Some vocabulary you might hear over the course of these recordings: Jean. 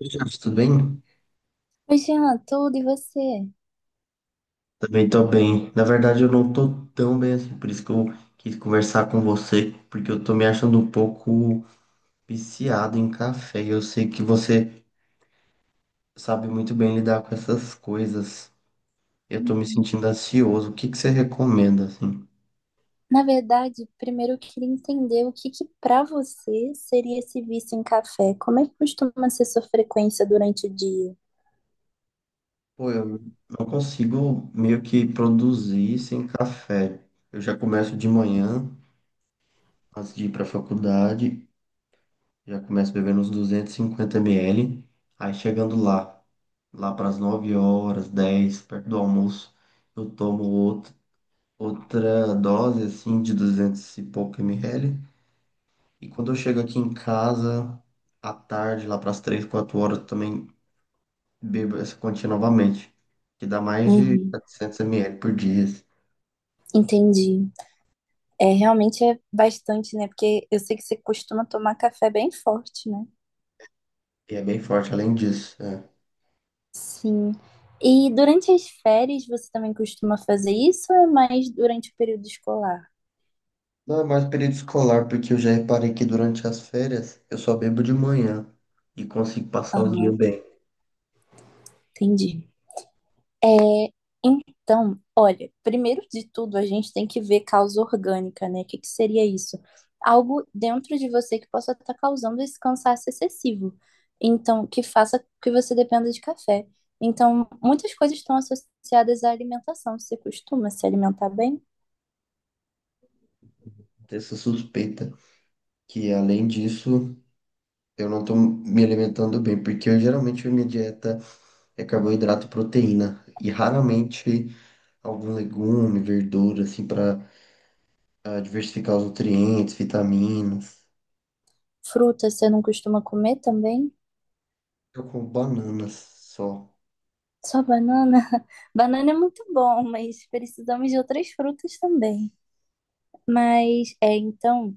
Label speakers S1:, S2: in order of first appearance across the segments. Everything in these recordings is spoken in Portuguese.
S1: Oi, Jefferson, tudo bem?
S2: Oi, Jean, tudo e você?
S1: Também tô bem. Na verdade, eu não tô tão bem assim, por isso que eu quis conversar com você, porque eu tô me achando um pouco viciado em café. Eu sei que você sabe muito bem lidar com essas coisas. Eu tô me
S2: Uhum.
S1: sentindo ansioso. O que que você recomenda, assim?
S2: Na verdade, primeiro eu queria entender o que que para você seria esse vício em café? Como é que costuma ser sua frequência durante o dia?
S1: Pô, eu não consigo meio que produzir sem café. Eu já começo de manhã, antes de ir pra faculdade. Já começo bebendo uns 250 ml. Aí chegando lá, lá para as 9 horas, 10 perto do almoço, eu tomo outro, outra dose assim de 200 e pouco ml. E quando eu chego aqui em casa, à tarde, lá para as 3 4 horas, eu também bebo essa quantia novamente, que dá mais de
S2: Uhum.
S1: 700 ml por dia. Assim,
S2: Entendi. É, realmente é bastante, né? Porque eu sei que você costuma tomar café bem forte, né?
S1: E é bem forte além disso. É.
S2: Sim. E durante as férias você também costuma fazer isso ou é mais durante o período escolar?
S1: Não é mais período escolar, porque eu já reparei que durante as férias eu só bebo de manhã e consigo passar o dia
S2: Aham,
S1: bem.
S2: entendi. É, então, olha, primeiro de tudo, a gente tem que ver causa orgânica, né? O que que seria isso? Algo dentro de você que possa estar causando esse cansaço excessivo. Então, que faça que você dependa de café. Então, muitas coisas estão associadas à alimentação. Você costuma se alimentar bem?
S1: Tenho essa suspeita que, além disso, eu não tô me alimentando bem, porque eu, geralmente a minha dieta é carboidrato e proteína e raramente algum legume, verdura, assim, para diversificar os nutrientes, vitaminas.
S2: Fruta, você não costuma comer também?
S1: Eu como bananas só.
S2: Só banana? Banana é muito bom, mas precisamos de outras frutas também. Mas, é, então.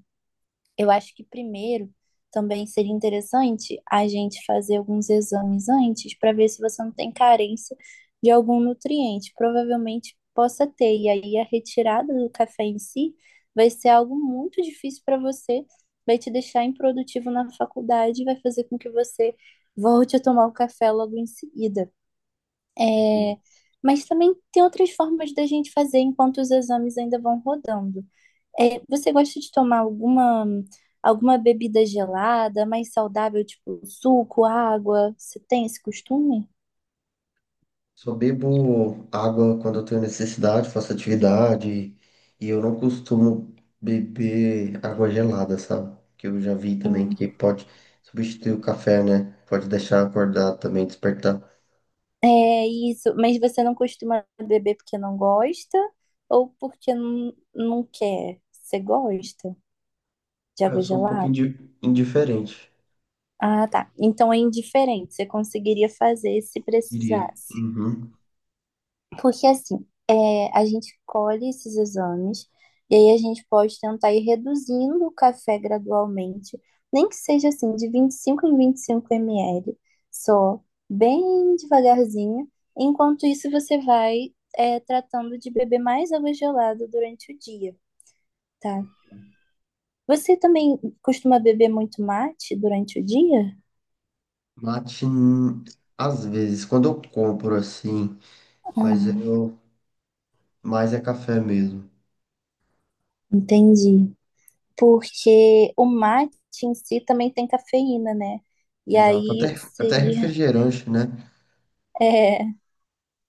S2: Eu acho que primeiro também seria interessante a gente fazer alguns exames antes para ver se você não tem carência de algum nutriente. Provavelmente possa ter, e aí a retirada do café em si vai ser algo muito difícil para você, vai te deixar improdutivo na faculdade, e vai fazer com que você volte a tomar o café logo em seguida.
S1: Entendi.
S2: É, mas também tem outras formas da gente fazer enquanto os exames ainda vão rodando. É, você gosta de tomar alguma bebida gelada, mais saudável, tipo suco, água? Você tem esse costume?
S1: Só bebo água quando eu tenho necessidade, faço atividade. E eu não costumo beber água gelada, sabe? Que eu já vi também que
S2: Hum.
S1: pode substituir o café, né? Pode deixar acordar também, despertar.
S2: É isso, mas você não costuma beber porque não gosta ou porque não quer? Você gosta de
S1: Ah, eu
S2: água
S1: sou um pouco
S2: gelada?
S1: indiferente,
S2: Ah, tá. Então é indiferente, você conseguiria fazer se
S1: diria.
S2: precisasse.
S1: Uhum.
S2: Porque assim, a gente colhe esses exames e aí a gente pode tentar ir reduzindo o café gradualmente, nem que seja assim, de 25 em 25 ml, só, bem devagarzinho. Enquanto isso, você vai, tratando de beber mais água gelada durante o dia, tá? Você também costuma beber muito mate durante o dia?
S1: Mate, às vezes, quando eu compro assim, mas
S2: Ah,
S1: eu mais é café mesmo.
S2: entendi. Porque o mate em si também tem cafeína, né? E
S1: Exato.
S2: aí
S1: Até, até
S2: seria,
S1: refrigerante, né?
S2: é,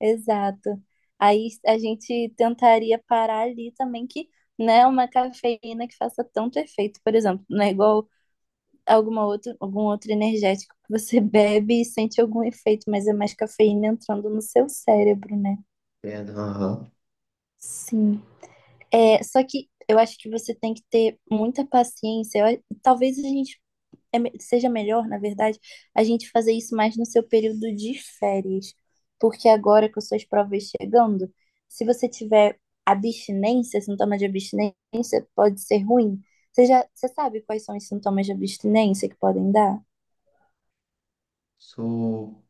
S2: exato. Aí a gente tentaria parar ali também que não é uma cafeína que faça tanto efeito, por exemplo, não é igual alguma outra, algum outro energético que você bebe e sente algum efeito, mas é mais cafeína entrando no seu cérebro, né?
S1: É, aham.
S2: Sim. É, só que eu acho que você tem que ter muita paciência. Talvez a gente seja melhor, na verdade, a gente fazer isso mais no seu período de férias. Porque agora com suas provas chegando, se você tiver abstinência, sintoma de abstinência, pode ser ruim. Você sabe quais são os sintomas de abstinência que podem dar?
S1: Sou.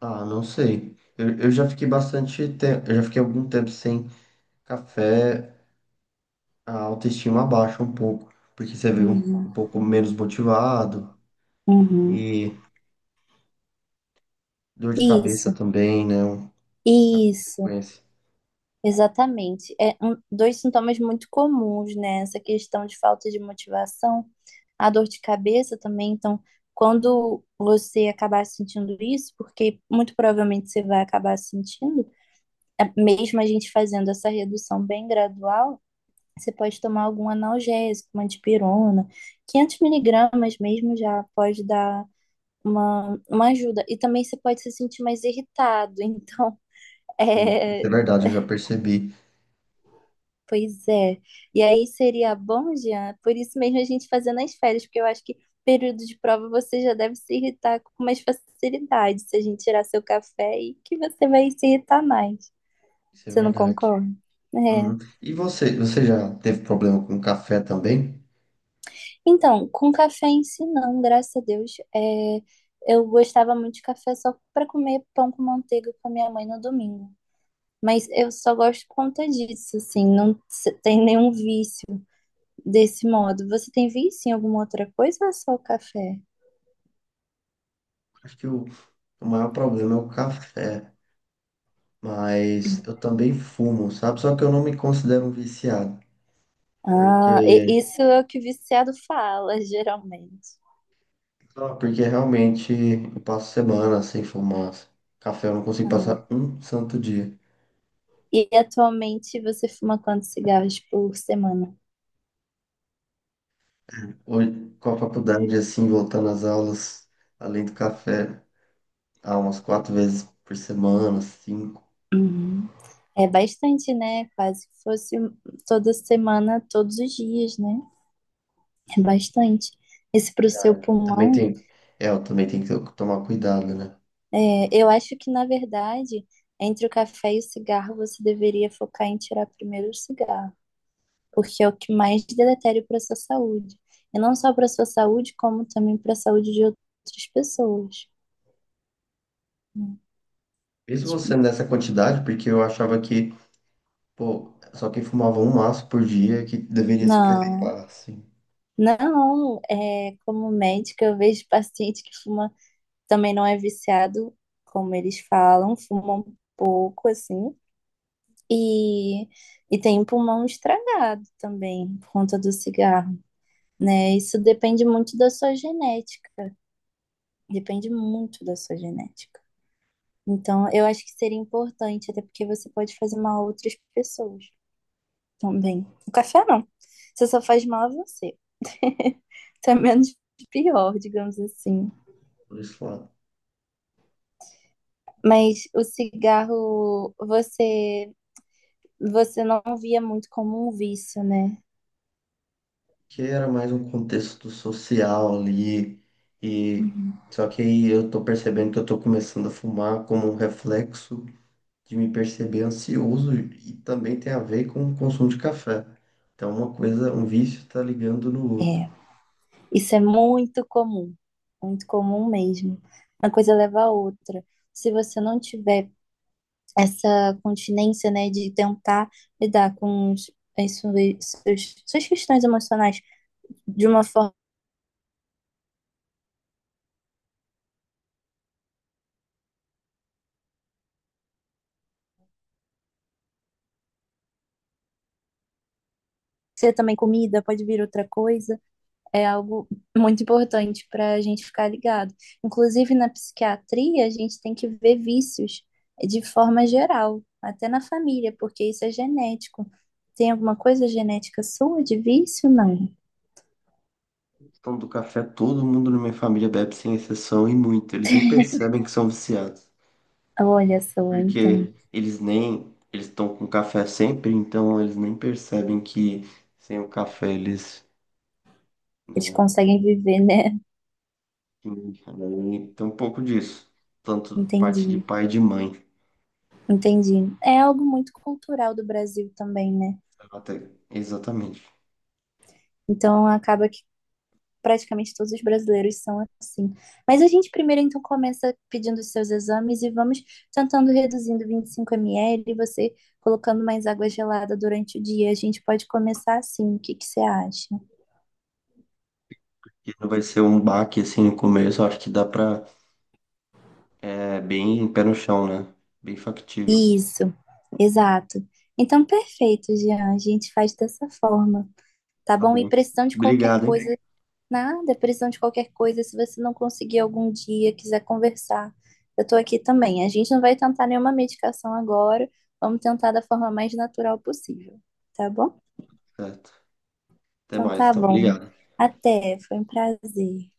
S1: Ah, não sei. Eu já fiquei bastante tempo, eu já fiquei algum tempo sem café, a autoestima abaixa um pouco, porque você vê
S2: Uhum,
S1: um pouco menos motivado
S2: uhum.
S1: e dor de cabeça
S2: Isso,
S1: também, né? A
S2: isso.
S1: consequência.
S2: Exatamente. É um, dois sintomas muito comuns, né? Essa questão de falta de motivação, a dor de cabeça também. Então, quando você acabar sentindo isso, porque muito provavelmente você vai acabar sentindo, mesmo a gente fazendo essa redução bem gradual, você pode tomar algum analgésico, uma dipirona, 500 miligramas mesmo já pode dar uma ajuda. E também você pode se sentir mais irritado. Então,
S1: Sim, isso é
S2: é,
S1: verdade, eu já percebi.
S2: Pois é. E aí seria bom, Jean, por isso mesmo a gente fazer nas férias, porque eu acho que período de prova você já deve se irritar com mais facilidade se a gente tirar seu café e que você vai se irritar mais.
S1: Isso é
S2: Você não
S1: verdade.
S2: concorda? É.
S1: Uhum. E você, você já teve problema com café também?
S2: Então, com café em si não, graças a Deus. É, eu gostava muito de café só para comer pão com manteiga com a minha mãe no domingo. Mas eu só gosto por conta disso, assim, não tem nenhum vício desse modo. Você tem vício em alguma outra coisa ou é só o café?
S1: Acho que o maior problema é o café, mas eu também fumo, sabe? Só que eu não me considero um viciado,
S2: Ah,
S1: porque
S2: isso é o que o viciado fala, geralmente.
S1: não, porque realmente eu passo semana sem fumar. Café eu não consigo
S2: Aham.
S1: passar um santo dia.
S2: E atualmente você fuma quantos cigarros por semana?
S1: Hoje, com a faculdade, assim, voltando às aulas, além do café, há umas quatro vezes por semana, cinco.
S2: Uhum. É bastante, né? Quase que fosse toda semana, todos os dias, né? É bastante. Isso para o seu
S1: Cara, também
S2: pulmão,
S1: tem, eu também tem que tomar cuidado, né?
S2: eu acho que, na verdade, entre o café e o cigarro, você deveria focar em tirar primeiro o cigarro. Porque é o que mais deletério para a sua saúde. E não só para a sua saúde, como também para a saúde de outras pessoas. Né?
S1: Mesmo você
S2: Tipo,
S1: nessa quantidade, porque eu achava que, pô, só quem fumava um maço por dia que deveria se
S2: Não,
S1: preocupar, assim,
S2: não, como médica, eu vejo paciente que fuma, também não é viciado, como eles falam, fuma um pouco assim, e, e tem um pulmão estragado também, por conta do cigarro, né? Isso depende muito da sua genética, depende muito da sua genética. Então, eu acho que seria importante, até porque você pode fazer mal a outras pessoas também. O café não. Você só faz mal a você. Então é menos pior, digamos assim.
S1: por isso
S2: Mas o cigarro, você não via muito como um vício, né?
S1: que era mais um contexto social ali, e só que aí eu tô percebendo que eu tô começando a fumar como um reflexo de me perceber ansioso e também tem a ver com o consumo de café. Então uma coisa, um vício tá ligando no outro.
S2: É. Isso é muito comum. Muito comum mesmo. Uma coisa leva a outra. Se você não tiver essa continência, né, de tentar lidar com os, as suas questões emocionais de uma forma ser também comida, pode vir outra coisa, é algo muito importante para a gente ficar ligado. Inclusive, na psiquiatria, a gente tem que ver vícios de forma geral, até na família, porque isso é genético. Tem alguma coisa genética sua de vício? Não.
S1: Então do café todo mundo na minha família bebe sem exceção e muito. Eles nem percebem que são viciados,
S2: Olha só, então.
S1: porque eles nem eles estão com café sempre, então eles nem percebem que sem o café eles,
S2: Eles
S1: né.
S2: conseguem viver, né?
S1: Sim, cara, e tem um pouco disso. Tanto parte de
S2: Entendi.
S1: pai e de mãe.
S2: Entendi. É algo muito cultural do Brasil também, né?
S1: Até, exatamente.
S2: Então acaba que praticamente todos os brasileiros são assim. Mas a gente primeiro então começa pedindo os seus exames e vamos tentando reduzindo 25 ml, você colocando mais água gelada durante o dia. A gente pode começar assim. O que que você acha?
S1: E não vai ser um baque assim no começo, eu acho que dá pra. É bem pé no chão, né? Bem factível.
S2: Isso, exato. Então perfeito, Jean. A gente faz dessa forma, tá
S1: Tá
S2: bom? E
S1: bom.
S2: precisando de qualquer
S1: Obrigado, hein?
S2: coisa. Nada, precisando de qualquer coisa. Se você não conseguir algum dia, quiser conversar, eu tô aqui também. A gente não vai tentar nenhuma medicação agora. Vamos tentar da forma mais natural possível, tá bom?
S1: Certo. Até
S2: Então
S1: mais,
S2: tá
S1: então.
S2: bom.
S1: Obrigado.
S2: Até, foi um prazer.